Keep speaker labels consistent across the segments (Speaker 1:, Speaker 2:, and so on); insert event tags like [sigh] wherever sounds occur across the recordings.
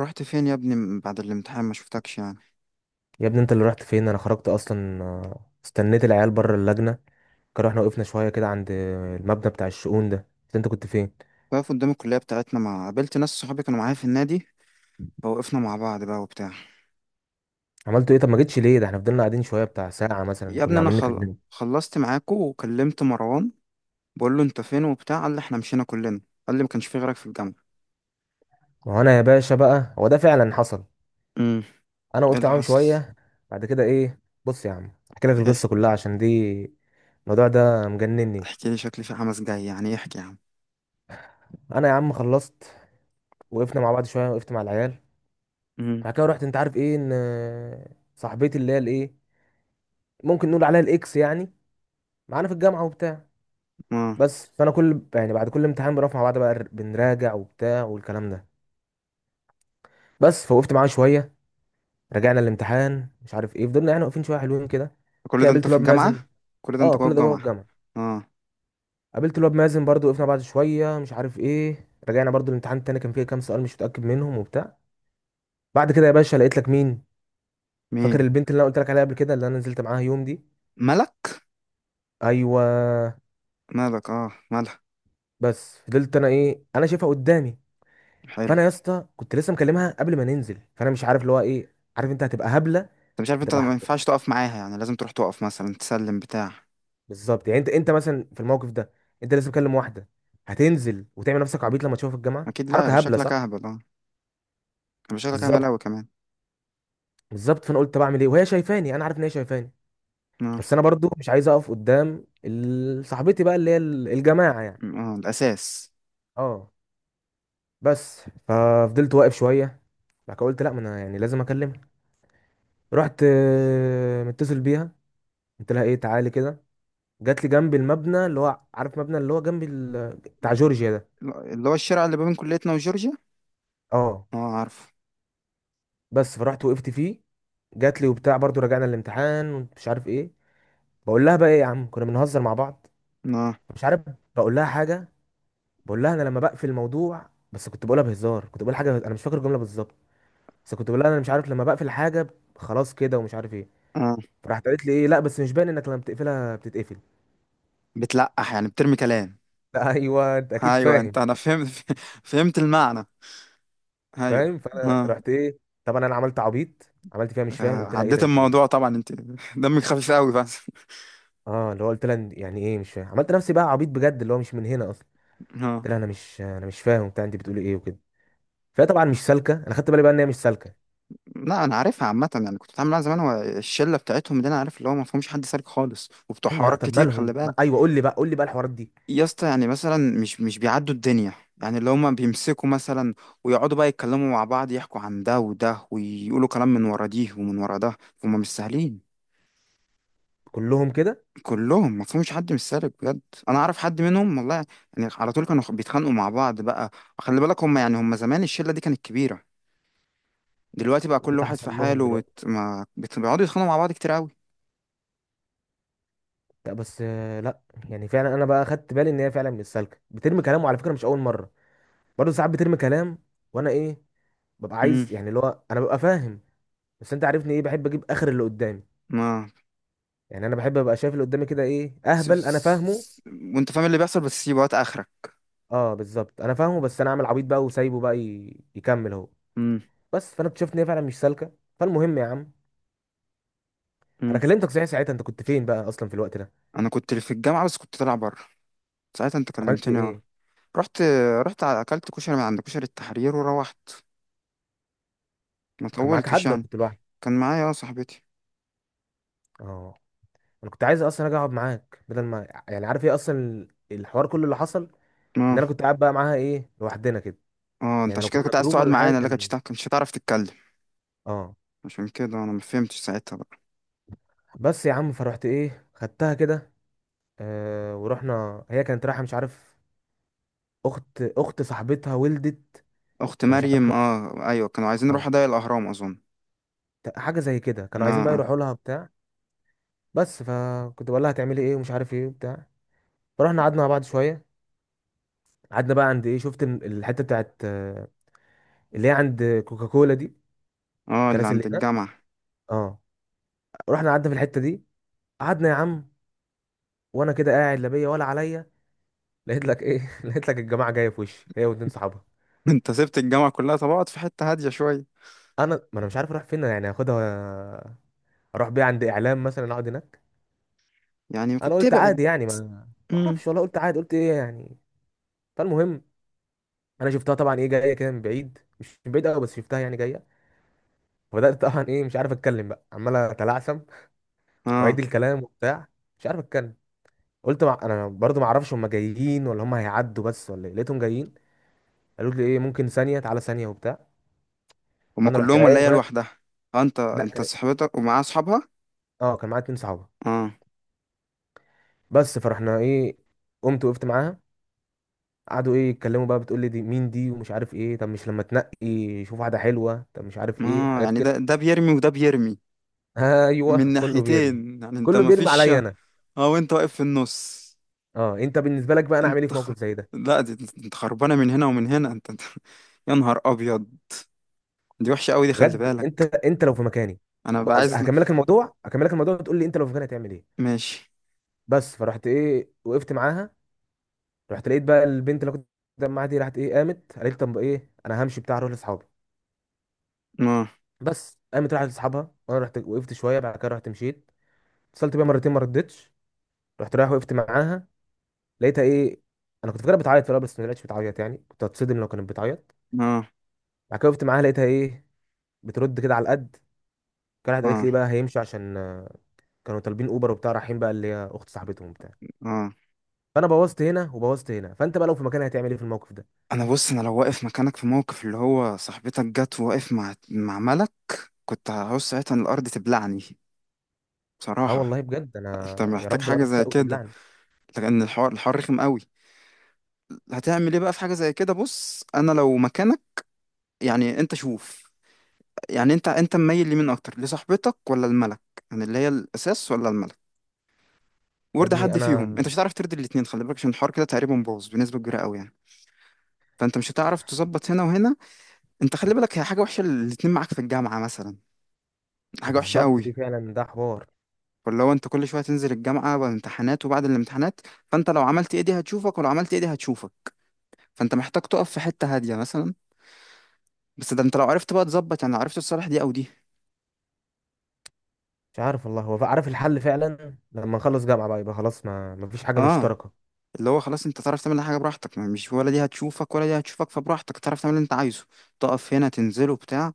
Speaker 1: رحت فين يا ابني من بعد الامتحان ما شفتكش يعني؟
Speaker 2: يا ابني، انت اللي رحت فين؟ انا خرجت اصلا، استنيت العيال بره اللجنه. كانوا احنا وقفنا شويه كده عند المبنى بتاع الشؤون ده. بس انت كنت فين؟
Speaker 1: واقف قدام الكلية بتاعتنا، ما قابلت ناس صحابي كانوا معايا في النادي، فوقفنا مع بعض بقى وبتاع.
Speaker 2: عملتوا ايه؟ طب ما جيتش ليه؟ ده احنا فضلنا قاعدين شويه بتاع ساعه مثلا،
Speaker 1: يا ابني
Speaker 2: كنا
Speaker 1: انا
Speaker 2: عاملين نكلمه.
Speaker 1: خلصت معاكو وكلمت مروان. بقول له انت فين وبتاع، قال لي احنا مشينا كلنا. قال لي ما كانش في غيرك في الجامعة.
Speaker 2: ما هو انا يا باشا بقى، هو ده فعلا حصل.
Speaker 1: امم.
Speaker 2: انا
Speaker 1: ايه
Speaker 2: وقفت
Speaker 1: اللي
Speaker 2: معاهم
Speaker 1: حصل؟
Speaker 2: شويه، بعد كده ايه؟ بص يا عم، احكي لك
Speaker 1: ايه،
Speaker 2: القصه كلها عشان دي، الموضوع ده مجنني.
Speaker 1: احكي لي، شكلي في حماس جاي يعني، إيه؟ احكي يا عم.
Speaker 2: انا يا عم خلصت، وقفنا مع بعض شويه، وقفت مع العيال،
Speaker 1: امم.
Speaker 2: بعد كده رحت. انت عارف ايه؟ ان صاحبتي اللي هي الايه، ممكن نقول عليها الاكس يعني، معانا في الجامعه وبتاع.
Speaker 1: اه،
Speaker 2: بس فانا كل يعني بعد كل امتحان بنقف مع بعض بقى، بنراجع وبتاع والكلام ده. بس فوقفت معاه شويه، رجعنا الامتحان مش عارف ايه، فضلنا يعني واقفين شويه حلوين كده.
Speaker 1: كل
Speaker 2: كده
Speaker 1: ده انت
Speaker 2: قابلت
Speaker 1: في
Speaker 2: الواد
Speaker 1: الجامعة؟
Speaker 2: مازن.
Speaker 1: كل ده انت
Speaker 2: اه،
Speaker 1: جوه
Speaker 2: كل ده جوه
Speaker 1: الجامعة؟
Speaker 2: الجامعه.
Speaker 1: اه.
Speaker 2: قابلت الواد مازن برضو، وقفنا بعد شويه مش عارف ايه، رجعنا برضو الامتحان التاني، كان فيه كام سؤال مش متاكد منهم وبتاع. بعد كده يا باشا لقيت لك مين؟ فاكر
Speaker 1: مين؟
Speaker 2: البنت اللي انا قلت لك عليها قبل كده، اللي انا نزلت معاها يوم دي؟
Speaker 1: ملك.
Speaker 2: ايوه.
Speaker 1: مالك، اه مالك.
Speaker 2: بس فضلت انا ايه، انا شايفها قدامي.
Speaker 1: حلو.
Speaker 2: فانا يا اسطى كنت لسه مكلمها قبل ما ننزل، فانا مش عارف اللي هو ايه. عارف انت، هتبقى هبله.
Speaker 1: انت مش عارف انت
Speaker 2: هتبقى
Speaker 1: ما
Speaker 2: أحسن.
Speaker 1: ينفعش تقف معاها، يعني لازم تروح تقف مثلا تسلم بتاع.
Speaker 2: بالظبط يعني، أنت مثلا في الموقف ده، أنت لسه بتكلم واحدة، هتنزل وتعمل نفسك عبيط لما تشوفها في الجامعة؟
Speaker 1: اكيد لا، يبقى
Speaker 2: حركة هبلة،
Speaker 1: شكلك
Speaker 2: صح؟
Speaker 1: اهبل اه. يبقى شكلك اهبل
Speaker 2: بالظبط.
Speaker 1: اوي كمان.
Speaker 2: بالظبط. فأنا قلت بعمل إيه وهي شايفاني؟ أنا عارف إن هي شايفاني.
Speaker 1: اه.
Speaker 2: بس أنا برضو مش عايز أقف قدام صاحبتي بقى اللي هي الجماعة يعني.
Speaker 1: اه الاساس.
Speaker 2: أه. بس ففضلت واقف شوية. بعد كده قلت لا، ما أنا يعني لازم أكلمها. رحت متصل بيها، قلت لها إيه، تعالي كده. جات لي جنب المبنى، اللي هو عارف مبنى اللي هو جنب بتاع جورجيا ده.
Speaker 1: اللي هو الشارع اللي ما بين كليتنا وجورجيا.
Speaker 2: اه.
Speaker 1: اه عارفه.
Speaker 2: بس فرحت وقفت فيه، جات لي وبتاع، برضو رجعنا الامتحان ومش عارف ايه. بقول لها بقى ايه يا عم، كنا بنهزر مع بعض
Speaker 1: اه.
Speaker 2: مش عارف. بقول لها حاجه، بقول لها انا لما بقفل الموضوع، بس كنت بقولها بهزار، كنت بقول حاجه انا مش فاكر الجمله بالظبط. بس كنت بقول لها انا مش عارف لما بقفل حاجه خلاص كده، ومش عارف ايه.
Speaker 1: اه
Speaker 2: فراحت قالت لي ايه، لا بس مش باين انك لما بتقفلها بتتقفل.
Speaker 1: بتلقح، يعني بترمي كلام.
Speaker 2: [laughs] لا ايوه انت اكيد
Speaker 1: ايوه
Speaker 2: فاهم.
Speaker 1: انا فهمت [laughs] فهمت المعنى. ايوه.
Speaker 2: فاهم. فانا
Speaker 1: اه.
Speaker 2: رحت ايه، طبعا انا عملت عبيط، عملت فيها مش فاهم، قلت لها ايه
Speaker 1: عديت
Speaker 2: ده، انت ايه.
Speaker 1: الموضوع طبعا انت. دمك خفيف قوي بس.
Speaker 2: اه، اللي هو قلت لها يعني ايه مش فاهم، عملت نفسي بقى عبيط بجد، اللي هو مش من هنا اصلا. قلت
Speaker 1: اه.
Speaker 2: لها انا مش فاهم بتاع انت بتقولي ايه وكده. فهي طبعا مش سالكه، انا خدت بالي بقى ان هي مش سالكه.
Speaker 1: لا انا عارفها عامه، يعني كنت بتعامل معاها زمان. هو الشله بتاعتهم دي انا عارف اللي هو ما فيهمش حد سالك خالص وبتوع
Speaker 2: ايوه لا
Speaker 1: حوارات
Speaker 2: طب
Speaker 1: كتير، خلي
Speaker 2: مالهم
Speaker 1: بالك.
Speaker 2: ايوه قول لي بقى، قول لي بقى الحوارات دي.
Speaker 1: يا اسطى يعني مثلا مش بيعدوا الدنيا. يعني اللي هما بيمسكوا مثلا، ويقعدوا بقى يتكلموا مع بعض، يحكوا عن ده وده ويقولوا كلام من ورا دي ومن ورا ده. هما مش سهلين.
Speaker 2: كلهم كده.
Speaker 1: كلهم ما فيهمش حد مش سالك بجد. انا اعرف حد منهم والله. يعني على طول كانوا بيتخانقوا مع بعض بقى. خلي بالك، هما يعني هما زمان الشلة دي كانت كبيرة. دلوقتي بقى
Speaker 2: وايه
Speaker 1: كل
Speaker 2: اللي
Speaker 1: واحد في
Speaker 2: حصل لهم
Speaker 1: حاله
Speaker 2: دلوقتي؟
Speaker 1: ما بت- بيقعدوا يتخانقوا مع بعض كتير قوي.
Speaker 2: لا بس لا، يعني فعلا انا بقى خدت بالي ان هي فعلا مش سالكه، بترمي كلام، وعلى فكره مش اول مره، برضه ساعات بترمي كلام. وانا ايه، ببقى
Speaker 1: امم.
Speaker 2: عايز يعني اللي هو انا ببقى فاهم. بس انت عارفني ايه، بحب اجيب اخر اللي قدامي
Speaker 1: ما
Speaker 2: يعني. انا بحب ابقى شايف اللي قدامي كده، ايه
Speaker 1: س...
Speaker 2: اهبل انا فاهمه.
Speaker 1: س... وانت فاهم اللي بيحصل، بس سيب وقت اخرك.
Speaker 2: اه بالظبط انا فاهمه، بس انا اعمل عبيط بقى وسايبه بقى يكمل هو.
Speaker 1: امم.
Speaker 2: بس فانا اكتشفت ان هي فعلا مش سالكه. فالمهم يا عم، انا
Speaker 1: امم.
Speaker 2: كلمتك صحيح ساعتها، انت كنت فين بقى اصلا في الوقت ده؟
Speaker 1: انا كنت في الجامعة بس كنت طالع بره. ساعتها انت
Speaker 2: عملت
Speaker 1: كلمتني، اه.
Speaker 2: ايه؟
Speaker 1: رحت. اكلت كشري من عند كشري التحرير وروحت. ما
Speaker 2: كان معاك
Speaker 1: طولتش
Speaker 2: حد ولا
Speaker 1: يعني.
Speaker 2: كنت لوحدك؟
Speaker 1: كان معايا صاحبتي.
Speaker 2: اه. انا كنت عايز اصلا اجي اقعد معاك، بدل ما يعني عارف ايه اصلا، الحوار كله اللي حصل ان
Speaker 1: اه.
Speaker 2: انا كنت قاعد بقى معاها ايه لوحدنا كده.
Speaker 1: اه انت
Speaker 2: يعني لو
Speaker 1: عشان كده
Speaker 2: كنا
Speaker 1: كنت عايز
Speaker 2: جروب
Speaker 1: تقعد
Speaker 2: ولا حاجه
Speaker 1: معانا، لكن مش
Speaker 2: كان.
Speaker 1: كنتش هتعرف تتكلم.
Speaker 2: اه.
Speaker 1: عشان كده انا ما فهمتش ساعتها بقى.
Speaker 2: بس يا عم فرحت ايه، خدتها كده. آه ورحنا، هي كانت رايحه مش عارف، اخت صاحبتها ولدت.
Speaker 1: اخت
Speaker 2: فمش عارف
Speaker 1: مريم، اه ايوه، كانوا عايزين
Speaker 2: اه،
Speaker 1: نروح ضيق الاهرام اظن.
Speaker 2: حاجه زي كده،
Speaker 1: اه
Speaker 2: كانوا عايزين بقى
Speaker 1: اه.
Speaker 2: يروحوا لها بتاع. بس فكنت بقول لها هتعملي ايه ومش عارف ايه وبتاع. فرحنا قعدنا مع بعض شويه، قعدنا بقى عند ايه، شفت الحته بتاعت اللي هي عند كوكاكولا دي،
Speaker 1: اه اللي
Speaker 2: الكراسي
Speaker 1: عند
Speaker 2: اللي هناك.
Speaker 1: الجامعه.
Speaker 2: اه. رحنا قعدنا في الحته دي، قعدنا يا عم، وانا كده قاعد لا بيا ولا عليا، لقيت لك ايه، [laughs] لقيت لك الجماعه جايه في وشي هي واتنين صحابها.
Speaker 1: [laughs] انت سبت الجامعه كلها؟ طب اقعد في حته هاديه شويه.
Speaker 2: انا ما انا مش عارف اروح فين يعني، هاخدها اروح بيها عند اعلام مثلا اقعد هناك؟
Speaker 1: يعني كنت
Speaker 2: انا قلت
Speaker 1: تبعد.
Speaker 2: عادي يعني، ما ما
Speaker 1: امم.
Speaker 2: اعرفش والله، قلت عادي، قلت ايه يعني. فالمهم، انا شفتها طبعا ايه جايه كده من بعيد، مش من بعيد قوي بس شفتها يعني جايه. فبدات طبعا ايه، مش عارف اتكلم بقى، عمال اتلعثم واعيد
Speaker 1: اه.
Speaker 2: الكلام وبتاع، مش عارف اتكلم. انا برضو ما اعرفش هم جايين ولا هم هيعدوا بس ولا ايه، لقيتهم جايين. قالوا لي ايه، ممكن ثانيه، تعالى ثانيه وبتاع.
Speaker 1: هما
Speaker 2: فانا رحت
Speaker 1: كلهم ولا
Speaker 2: قايم،
Speaker 1: هي
Speaker 2: وهي
Speaker 1: لوحدها؟ اه، انت
Speaker 2: لا
Speaker 1: انت
Speaker 2: كان،
Speaker 1: صاحبتك ومعاها اصحابها.
Speaker 2: اه كان معايا اتنين صحابه.
Speaker 1: اه.
Speaker 2: بس فرحنا ايه، قمت وقفت معاها. قعدوا ايه يتكلموا بقى، بتقول لي دي مين دي ومش عارف ايه، طب مش لما تنقي، شوف واحده حلوه، طب مش عارف ايه،
Speaker 1: اه،
Speaker 2: حاجات
Speaker 1: يعني ده
Speaker 2: كده.
Speaker 1: ده بيرمي وده بيرمي،
Speaker 2: [laughs]
Speaker 1: من
Speaker 2: ايوه كله بيرمي.
Speaker 1: ناحيتين يعني، انت
Speaker 2: كله
Speaker 1: ما
Speaker 2: بيرمي
Speaker 1: فيش.
Speaker 2: عليا انا.
Speaker 1: اه، وانت واقف في النص.
Speaker 2: اه، انت بالنسبه لك بقى، انا اعمل ايه
Speaker 1: انت
Speaker 2: في
Speaker 1: خ...
Speaker 2: موقف زي ده؟
Speaker 1: لا، انت خربانه من هنا ومن هنا، [laughs] يا نهار ابيض. دي وحشه قوي دي، خلي
Speaker 2: بجد، انت
Speaker 1: بالك.
Speaker 2: انت لو في مكاني،
Speaker 1: انا بقى عايز
Speaker 2: هكملك الموضوع، هكملك الموضوع، تقول لي انت لو في مكاني هتعمل ايه.
Speaker 1: ماشي.
Speaker 2: بس فرحت ايه، وقفت معاها، رحت لقيت بقى البنت اللي كنت معاها دي، راحت ايه قامت قالت طب ايه، انا همشي بتاع، اروح لاصحابي.
Speaker 1: اه
Speaker 2: بس قامت راحت لاصحابها، وانا رحت وقفت شويه، بعد كده رحت مشيت، اتصلت بيها مرتين ما ردتش. رحت رايح وقفت معاها، لقيتها ايه. انا كنت فاكرها بتعيط في الاول، بس ما لقيتش بتعيط يعني، كنت هتصدم لو كانت بتعيط.
Speaker 1: اه
Speaker 2: بعد كده وقفت معاها، لقيتها ايه، بترد كده على القد. كانت قالت لي
Speaker 1: اه
Speaker 2: ايه بقى، هيمشي عشان كانوا طالبين اوبر وبتاع، رايحين بقى اللي هي اخت صاحبتهم وبتاع.
Speaker 1: اه.
Speaker 2: فانا بوظت هنا وبوظت هنا. فانت بقى لو في مكاني هتعمل ايه في الموقف ده؟
Speaker 1: انا، بص، انا لو واقف مكانك في موقف اللي هو صاحبتك جت وواقف مع ملك، كنت هعوز ساعتها ان الارض تبلعني
Speaker 2: اه
Speaker 1: بصراحه.
Speaker 2: والله بجد، انا
Speaker 1: انت
Speaker 2: يا
Speaker 1: محتاج
Speaker 2: رب
Speaker 1: حاجه
Speaker 2: الارض
Speaker 1: زي
Speaker 2: تشق
Speaker 1: كده،
Speaker 2: وتبلعني.
Speaker 1: لان الحوار رخم قوي. هتعمل ايه بقى في حاجه زي كده؟ بص انا لو مكانك. يعني انت شوف. يعني انت مميل لمين اكتر، لصاحبتك ولا الملك؟ يعني اللي هي الاساس ولا الملك؟
Speaker 2: يا
Speaker 1: ورد
Speaker 2: ابني
Speaker 1: حد
Speaker 2: انا،
Speaker 1: فيهم، انت مش هتعرف ترضي الاثنين، خلي بالك، عشان الحوار كده تقريبا باظ بنسبه كبيره قوي يعني. فانت مش هتعرف تظبط هنا وهنا. انت خلي بالك، هي حاجه وحشه الاثنين معاك في الجامعه مثلا.
Speaker 2: ما
Speaker 1: حاجه وحشه
Speaker 2: بالظبط دي
Speaker 1: قوي.
Speaker 2: فعلا، ده حوار.
Speaker 1: ولا هو انت كل شويه تنزل الجامعه والامتحانات وبعد الامتحانات. فانت لو عملت ايه دي هتشوفك، ولو عملت ايه دي هتشوفك. فانت محتاج تقف في حته هاديه مثلا. بس ده انت لو عرفت بقى تظبط، يعني لو عرفت تصالح دي او دي.
Speaker 2: مش عارف والله، هو عارف الحل فعلا، لما نخلص جامعه بقى يبقى خلاص، ما فيش حاجه
Speaker 1: اه.
Speaker 2: مشتركه.
Speaker 1: اللي هو خلاص انت تعرف تعمل اي حاجه براحتك، مش، ولا دي هتشوفك ولا دي هتشوفك، فبراحتك تعرف تعمل اللي انت عايزه. تقف هنا تنزله وبتاع.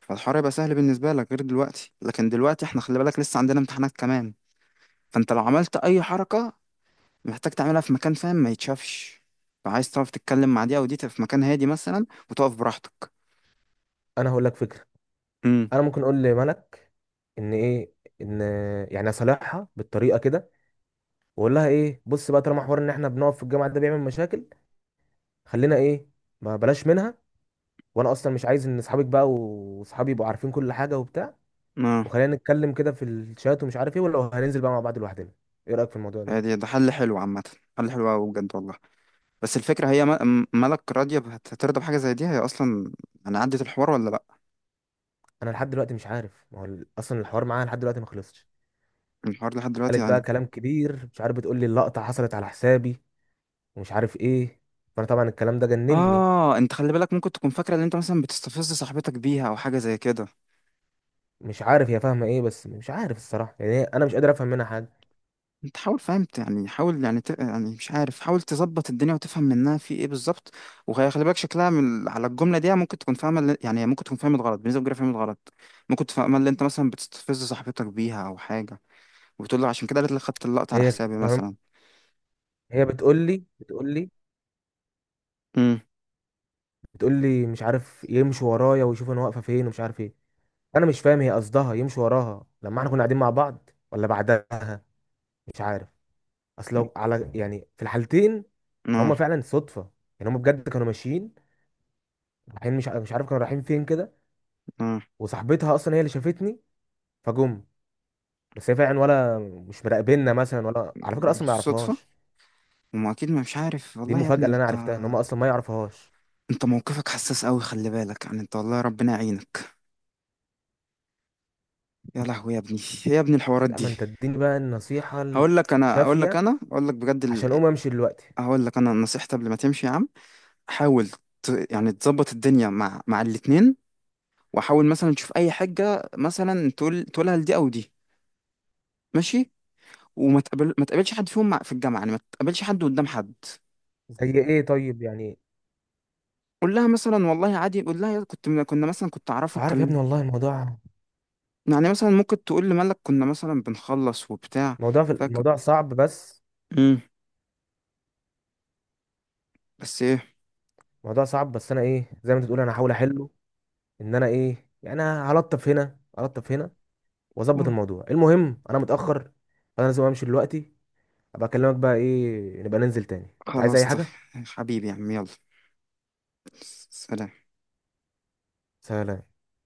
Speaker 1: فالحوار يبقى سهل بالنسبه لك غير دلوقتي، لكن دلوقتي احنا خلي بالك لسه عندنا امتحانات كمان. فانت لو عملت اي حركه، محتاج تعملها في مكان فاهم ما يتشافش. فعايز تعرف تتكلم مع دي او دي، تبقى في مكان هادي مثلا وتقف براحتك.
Speaker 2: انا هقول لك فكره،
Speaker 1: امم.
Speaker 2: انا ممكن اقول لملك ان ايه، ان يعني اصالحها بالطريقه كده، واقول لها ايه، بص بقى، طالما حوار ان احنا بنقف في الجامعه ده بيعمل مشاكل، خلينا ايه، ما بلاش منها. وانا اصلا مش عايز ان اصحابك بقى واصحابي يبقوا عارفين كل حاجه وبتاع،
Speaker 1: اه.
Speaker 2: وخلينا نتكلم كده في الشات ومش عارف ايه، ولا هننزل بقى مع بعض لوحدنا؟ ايه رايك في الموضوع ده؟
Speaker 1: هادي ده حل حلو عامه. حل حلو قوي بجد والله. بس الفكره هي مالك راضيه؟ هترضى بحاجه زي دي هي اصلا؟ انا عدت الحوار ولا لا؟
Speaker 2: انا لحد دلوقتي مش عارف، ما هو اصلا الحوار معاها لحد دلوقتي ما خلصش.
Speaker 1: الحوار لحد دلوقتي
Speaker 2: قالت بقى
Speaker 1: يعني.
Speaker 2: كلام كبير مش عارف، بتقول لي اللقطه حصلت على حسابي، ومش عارف ايه. فانا طبعا الكلام ده جنني.
Speaker 1: اه، انت خلي بالك ممكن تكون فاكره ان انت مثلا بتستفز صاحبتك بيها او حاجه زي كده.
Speaker 2: مش عارف هي فاهمه ايه، بس مش عارف الصراحه يعني، انا مش قادر افهم منها حاجه.
Speaker 1: انت حاول فهمت يعني، حاول يعني يعني مش عارف، حاول تظبط الدنيا وتفهم منها في ايه بالظبط. وخلي بالك شكلها على الجمله دي ممكن تكون فاهمه يعني ممكن تكون فاهمه غلط بنسبه كبيره، فاهمه غلط. ممكن تفهم اللي انت مثلا بتستفز صاحبتك بيها او حاجه. وبتقول له عشان كده قالت لك خدت اللقطه على
Speaker 2: هي
Speaker 1: حسابي
Speaker 2: كمان،
Speaker 1: مثلا.
Speaker 2: هي بتقول لي
Speaker 1: امم.
Speaker 2: بتقول لي مش عارف، يمشي ورايا ويشوف انا واقفه فين ومش عارف ايه. انا مش فاهم هي قصدها يمشي وراها لما احنا كنا قاعدين مع بعض ولا بعدها؟ مش عارف. اصل لو على يعني في الحالتين،
Speaker 1: اه.
Speaker 2: هما فعلا صدفه. يعني هما بجد كانوا ماشيين رايحين، مش عارف كانوا رايحين فين كده.
Speaker 1: اه،
Speaker 2: وصاحبتها اصلا هي اللي شافتني فجم. بس هي فعلا ولا مش مراقبيننا مثلا؟ ولا على فكره اصلا ما
Speaker 1: صدفه.
Speaker 2: يعرفهاش.
Speaker 1: وما اكيد، ما مش عارف
Speaker 2: دي
Speaker 1: والله. يا
Speaker 2: المفاجاه
Speaker 1: ابني
Speaker 2: اللي انا
Speaker 1: انت،
Speaker 2: عرفتها، ان هما اصلا ما يعرفهاش.
Speaker 1: انت موقفك حساس قوي، خلي بالك يعني، انت والله ربنا يعينك. يا لهوي يا ابني. يا ابني الحوارات
Speaker 2: لا، ما
Speaker 1: دي.
Speaker 2: انت اديني بقى النصيحه
Speaker 1: هقول لك، انا اقول لك
Speaker 2: الشافيه،
Speaker 1: انا اقول لك بجد
Speaker 2: عشان اقوم امشي دلوقتي.
Speaker 1: هقول لك، انا نصيحتي قبل ما تمشي يا عم. حاول. يعني تظبط الدنيا مع الاتنين. وحاول مثلا تشوف اي حاجه، مثلا تقولها لدي او دي. ماشي. وما تقابل ما تقابلش حد فيهم في الجامعه يعني، ما تقابلش حد قدام حد.
Speaker 2: زي ايه طيب يعني؟
Speaker 1: قول لها مثلا والله عادي، قول لها يا، كنا مثلا كنت
Speaker 2: مش
Speaker 1: اعرفك
Speaker 2: عارف يا
Speaker 1: كان.
Speaker 2: ابني والله الموضوع،
Speaker 1: يعني مثلا ممكن تقول لمالك كنا مثلا بنخلص وبتاع.
Speaker 2: موضوع في
Speaker 1: فاكر.
Speaker 2: الموضوع صعب بس
Speaker 1: امم. بس ايه.
Speaker 2: موضوع صعب، بس انا ايه، زي ما انت بتقول انا هحاول احله، ان انا ايه يعني، انا هلطف هنا هلطف هنا، واظبط
Speaker 1: أوه،
Speaker 2: الموضوع. المهم انا متاخر، انا لازم امشي دلوقتي. ابقى اكلمك بقى ايه، نبقى ننزل تاني. انت عايز
Speaker 1: خلاص
Speaker 2: اي
Speaker 1: طيب.
Speaker 2: حاجه؟
Speaker 1: حبيبي يا عم، يلا. سلام.
Speaker 2: سلام.